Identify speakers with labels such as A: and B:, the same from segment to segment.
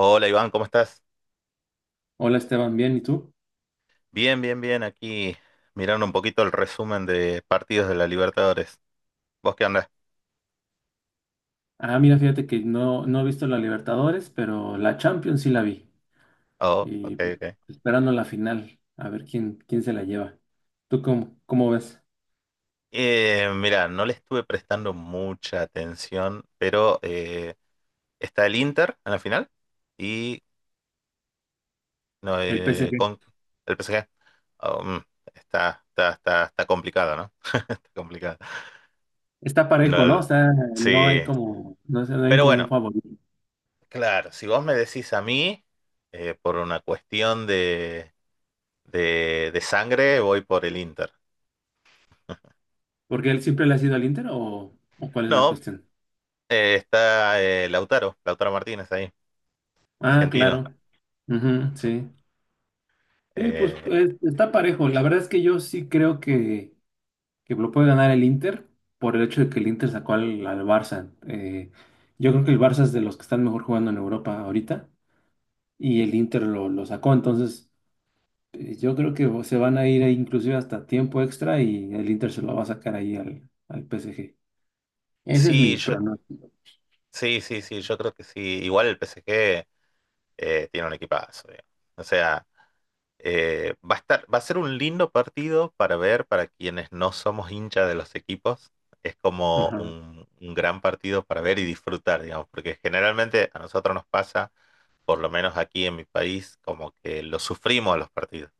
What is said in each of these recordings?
A: Hola Iván, ¿cómo estás?
B: Hola Esteban, bien, ¿y tú?
A: Bien, bien, bien. Aquí mirando un poquito el resumen de partidos de la Libertadores. ¿Vos qué andás?
B: Ah, mira, fíjate que no he visto la Libertadores, pero la Champions sí la vi.
A: Oh, ok,
B: Y
A: ok.
B: esperando la final, a ver quién se la lleva. ¿Tú cómo ves?
A: Mira, no le estuve prestando mucha atención, pero está el Inter en la final y no,
B: El PSG.
A: con el PSG. Oh, mm, está complicado, ¿no? Está complicado.
B: Está
A: No,
B: parejo, ¿no?
A: el-
B: O sea, no
A: sí,
B: hay como, no sé, no hay
A: pero
B: como un
A: bueno,
B: favorito.
A: claro, si vos me decís a mí, por una cuestión de sangre voy por el Inter.
B: ¿Porque él siempre le ha sido al Inter o cuál es la
A: No,
B: cuestión?
A: está Lautaro, Lautaro Martínez ahí,
B: Ah,
A: argentino.
B: claro. Ujú, sí. Sí, pues,
A: Eh,
B: pues, está parejo. La verdad es que yo sí creo que lo puede ganar el Inter por el hecho de que el Inter sacó al Barça. Yo creo que el Barça es de los que están mejor jugando en Europa ahorita y el Inter lo sacó. Entonces, yo creo que se van a ir ahí inclusive hasta tiempo extra y el Inter se lo va a sacar ahí al PSG. Ese es mi
A: sí, yo,
B: pronóstico.
A: sí, sí, sí, yo creo que sí. Igual el PSG tiene un equipazo, digamos. O sea, va a estar, va a ser un lindo partido para ver para quienes no somos hinchas de los equipos. Es como
B: Ajá.
A: un gran partido para ver y disfrutar, digamos, porque generalmente a nosotros nos pasa, por lo menos aquí en mi país, como que lo sufrimos a los partidos.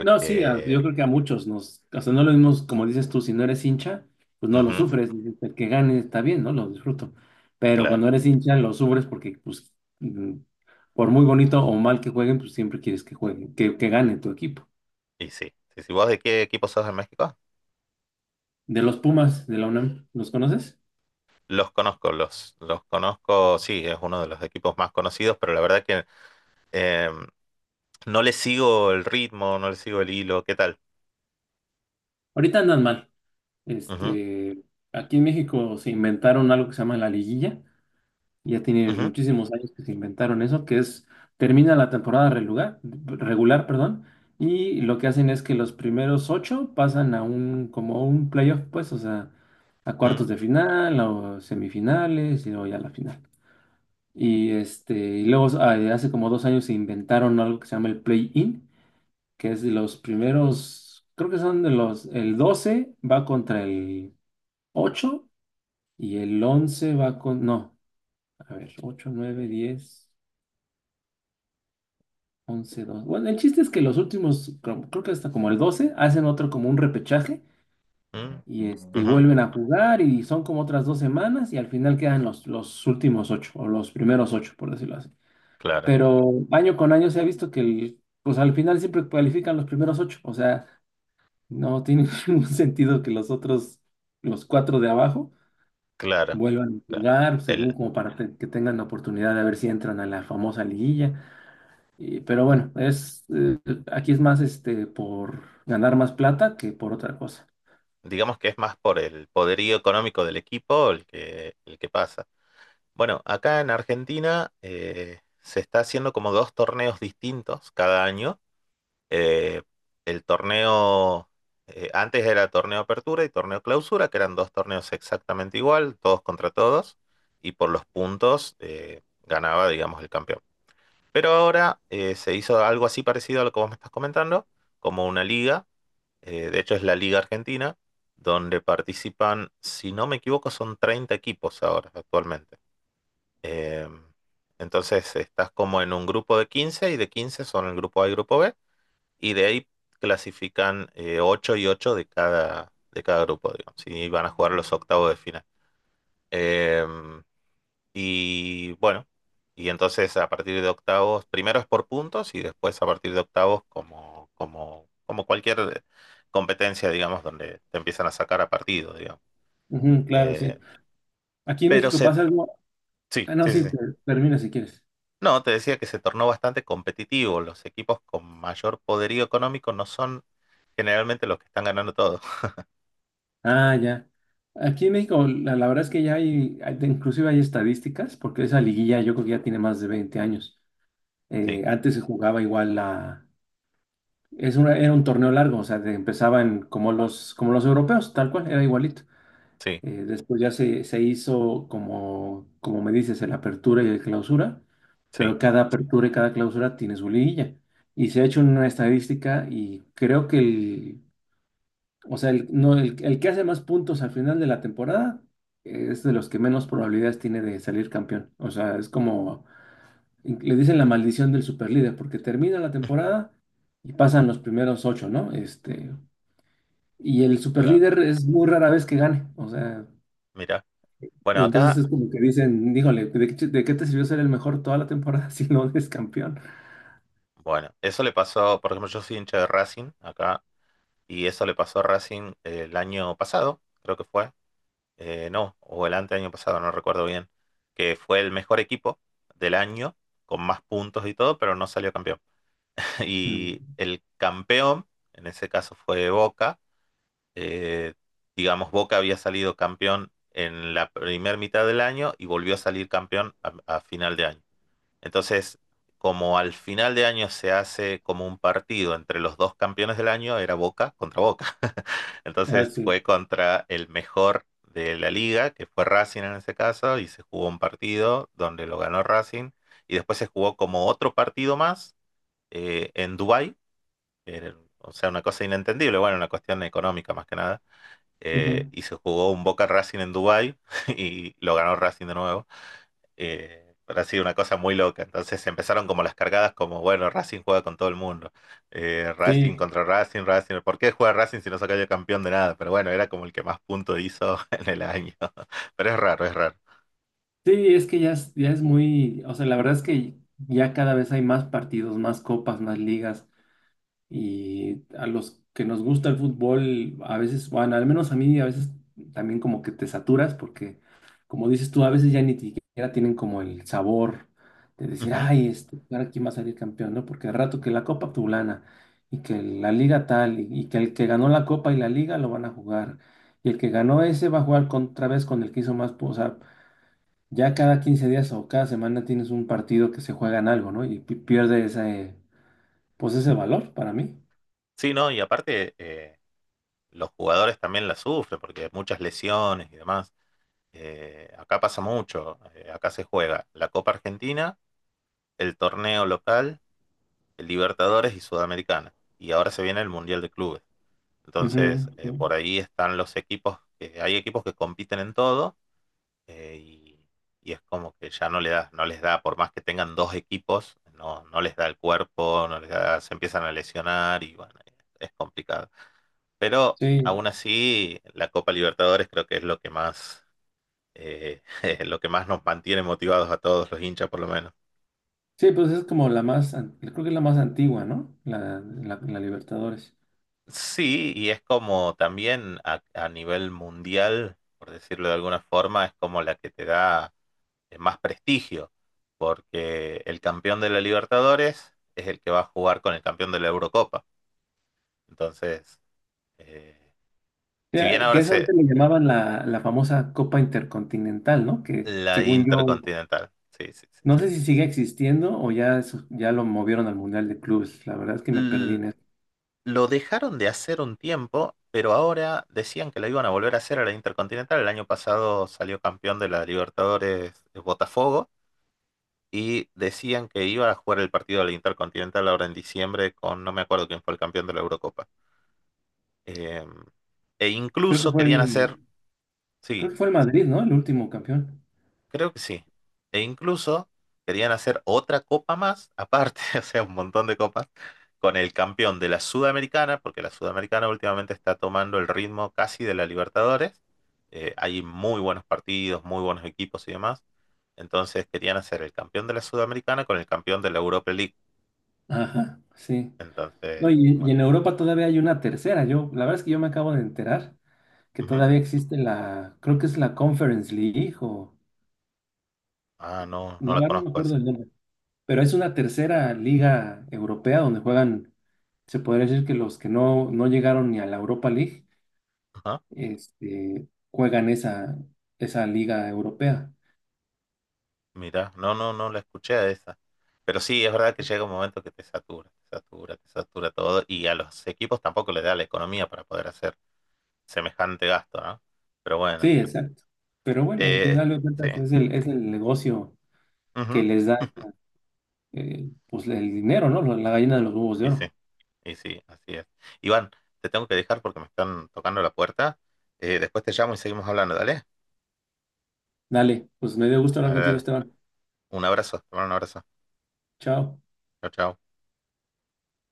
B: No, sí, yo creo que a muchos nos, o sea, no lo mismo, como dices tú, si no eres hincha, pues no lo
A: ujú,
B: sufres, dices, el que gane está bien, ¿no? Lo disfruto. Pero
A: claro,
B: cuando eres hincha lo sufres porque, pues, mm, por muy bonito o mal que jueguen, pues siempre quieres que jueguen, que gane tu equipo.
A: y sí. Sí, sí. ¿Vos de qué equipo sos de México?
B: De los Pumas de la UNAM, ¿los conoces?
A: Los conozco, los conozco, sí, es uno de los equipos más conocidos, pero la verdad que eh, no le sigo el ritmo, no le sigo el hilo, ¿qué tal?
B: Ahorita andan mal.
A: Ujú,
B: Este, aquí en México se inventaron algo que se llama la liguilla. Ya tiene
A: ujú,
B: muchísimos años que se inventaron eso, que es, termina la temporada regular, perdón, y lo que hacen es que los primeros ocho pasan a un, como un playoff, pues, o sea, a cuartos
A: ujú,
B: de final, o semifinales, y luego ya la final. Y y luego hace como dos años se inventaron algo que se llama el play-in, que es de los primeros, creo que son de los, el 12 va contra el 8 y el 11 va con, no, a ver, 8 9 10 11 dos. Bueno, el chiste es que los últimos, creo que hasta como el 12 hacen otro como un repechaje
A: ujú,
B: y
A: ujú.
B: vuelven a jugar y son como otras dos semanas y al final quedan los últimos ocho o los primeros ocho, por decirlo así.
A: Claro,
B: Pero año con año se ha visto que pues al final siempre cualifican los primeros ocho, o sea, no tiene ningún sentido que los otros, los cuatro de abajo,
A: claro,
B: vuelvan a
A: claro.
B: jugar según
A: El,
B: como para que tengan la oportunidad de ver si entran a la famosa liguilla. Pero bueno, es, aquí es más por ganar más plata que por otra cosa.
A: digamos que es más por el poderío económico del equipo el que pasa. Bueno, acá en Argentina se está haciendo como dos torneos distintos cada año. Eh, el torneo, Antes era torneo apertura y torneo clausura, que eran dos torneos exactamente igual, todos contra todos, y por los puntos ganaba, digamos, el campeón. Pero ahora se hizo algo así parecido a lo que vos me estás comentando, como una liga, de hecho es la Liga Argentina, donde participan, si no me equivoco, son 30 equipos ahora, actualmente. Em, entonces estás como en un grupo de 15 y de 15 son el grupo A y grupo B, y de ahí clasifican 8 y 8 de de cada grupo, digamos, y van a jugar los octavos de final. Em, y bueno, y entonces a partir de octavos, primero es por puntos y después a partir de octavos como cualquier competencia, digamos, donde te empiezan a sacar a partido, digamos.
B: Ujú, claro, sí.
A: Eh,
B: Aquí en
A: pero
B: México
A: se,
B: pasa algo.
A: sí,
B: Ah, no,
A: sí, sí,
B: sí,
A: sí.
B: te, termina si quieres.
A: No, te decía que se tornó bastante competitivo. Los equipos con mayor poderío económico no son generalmente los que están ganando todo.
B: Ah, ya. Aquí en México, la verdad es que ya hay, inclusive hay estadísticas, porque esa liguilla yo creo que ya tiene más de 20 años.
A: Sí,
B: Antes se jugaba igual la... Es una, era un torneo largo, o sea, empezaba como los europeos, tal cual, era igualito.
A: sí,
B: Después ya se hizo como, como me dices, el apertura y el clausura,
A: sí.
B: pero cada apertura y cada clausura tiene su liguilla. Y se ha hecho una estadística y creo que el, o sea, el, no, el que hace más puntos al final de la temporada es de los que menos probabilidades tiene de salir campeón. O sea, es como, le dicen la maldición del superlíder, porque termina la temporada y pasan los primeros ocho, ¿no? Y el
A: Claro,
B: superlíder es muy rara vez que gane. O sea...
A: mira.
B: Y
A: Bueno,
B: entonces
A: acá,
B: es como que dicen, dígale, de qué te sirvió ser el mejor toda la temporada si no eres campeón?
A: bueno, eso le pasó, por ejemplo, yo soy hincha de Racing acá, y eso le pasó a Racing el año pasado, creo que fue, no, o el año pasado, no recuerdo bien, que fue el mejor equipo del año, con más puntos y todo, pero no salió campeón. Y
B: Mm.
A: el campeón, en ese caso fue Boca, eh, digamos, Boca había salido campeón en la primera mitad del año y volvió a salir campeón a final de año. Entonces, como al final de año se hace como un partido entre los dos campeones del año, era Boca contra Boca.
B: Ah,
A: Entonces
B: sí.
A: fue contra el mejor de la liga, que fue Racing en ese caso, y se jugó un partido donde lo ganó Racing, y después se jugó como otro partido más en Dubái, eh, o sea, una cosa inentendible, bueno, una cuestión económica más que nada,
B: Ujú.
A: y se jugó un Boca Racing en Dubái y lo ganó Racing de nuevo, pero ha sido una cosa muy loca. Entonces empezaron como las cargadas, como bueno, Racing juega con todo el mundo. Racing
B: Sí,
A: contra Racing, Racing. ¿Por qué juega Racing si no se cayó campeón de nada? Pero bueno, era como el que más puntos hizo en el año. Pero es raro, es raro.
B: sí, es que ya es muy, o sea, la verdad es que ya cada vez hay más partidos, más copas, más ligas. Y a los que nos gusta el fútbol, a veces, bueno, al menos a mí, a veces también como que te saturas porque, como dices tú, a veces ya ni siquiera tienen como el sabor de decir,
A: Ujú.
B: ay, ahora quién va a salir campeón, ¿no? Porque al rato que la Copa Tulana y que la Liga tal y que el que ganó la Copa y la Liga lo van a jugar y el que ganó ese va a jugar otra vez con el que hizo más, o sea, ya cada 15 días o cada semana tienes un partido que se juega en algo, ¿no? Y pierde ese, pues ese valor para mí.
A: Sí, no, y aparte los jugadores también la sufren porque muchas lesiones y demás. Acá pasa mucho. Acá se juega la Copa Argentina, el torneo local, el Libertadores y Sudamericana. Y ahora se viene el Mundial de Clubes.
B: Ujú,
A: Entonces,
B: sí,
A: por ahí están los equipos, que, hay equipos que compiten en todo, eh, y, y es como que ya no, le da, no les da, por más que tengan dos equipos, no, no les da el cuerpo, no les da- se empiezan a lesionar y bueno, es complicado. Pero
B: sí,
A: aún así, la Copa Libertadores creo que es lo que más, eh, lo que más nos mantiene motivados a todos los hinchas, por lo menos.
B: sí, pues es como la más, creo que es la más antigua, ¿no? La, la, la Libertadores.
A: Sí, y es como también a nivel mundial, por decirlo de alguna forma, es como la que te da más prestigio, porque el campeón de la Libertadores es el que va a jugar con el campeón de la Eurocopa. Entonces, eh, si bien ahora
B: Que eso
A: se
B: antes le llamaban la, la famosa Copa Intercontinental, ¿no? Que
A: la
B: según yo,
A: Intercontinental, sí, sí, sí.
B: no sé si sigue existiendo o ya, ya lo movieron al Mundial de Clubes. La verdad es que me perdí
A: L-
B: en eso.
A: lo dejaron de hacer un tiempo, pero ahora decían que la iban a volver a hacer a la Intercontinental. El año pasado salió campeón de la Libertadores Botafogo y decían que iba a jugar el partido de la Intercontinental ahora en diciembre con no me acuerdo quién fue el campeón de la Eurocopa. Eh, e
B: Creo que
A: incluso
B: fue
A: querían
B: el,
A: hacer,
B: creo
A: sí,
B: que fue el Madrid, ¿no? El último campeón.
A: creo que sí. E incluso querían hacer otra copa más, aparte, o sea, un montón de copas, con el campeón de la Sudamericana, porque la Sudamericana últimamente está tomando el ritmo casi de la Libertadores. Hay muy buenos partidos, muy buenos equipos y demás. Entonces querían hacer el campeón de la Sudamericana con el campeón de la Europa League.
B: Ajá, sí. No,
A: Entonces,
B: y
A: bueno.
B: en Europa todavía hay una tercera. Yo, la verdad es que yo me acabo de enterar que
A: Ujú.
B: todavía existe la, creo que es la Conference League o...
A: Ah, no, no
B: La
A: la
B: verdad no me
A: conozco
B: acuerdo
A: eso.
B: del nombre, pero es una tercera liga europea donde juegan, se podría decir que los que no llegaron ni a la Europa League, juegan esa, esa liga europea.
A: Mira, no, no, no la escuché a esa. Pero sí, es verdad que llega un momento que te satura, te satura, te satura todo y a los equipos tampoco les da la economía para poder hacer semejante gasto, ¿no? Pero
B: Sí,
A: bueno,
B: exacto. Pero bueno, al
A: eh,
B: final de
A: sí.
B: cuentas es el negocio
A: Ujú.
B: que les da pues el dinero, ¿no? La gallina de los huevos de
A: Y
B: oro.
A: sí, y sí, así es. Iván, te tengo que dejar porque me están tocando la puerta. Después te llamo y seguimos hablando, dale.
B: Dale, pues me dio gusto hablar
A: Dale,
B: contigo,
A: dale.
B: Esteban.
A: Un abrazo, te mando un abrazo.
B: Chao.
A: Chao, chao.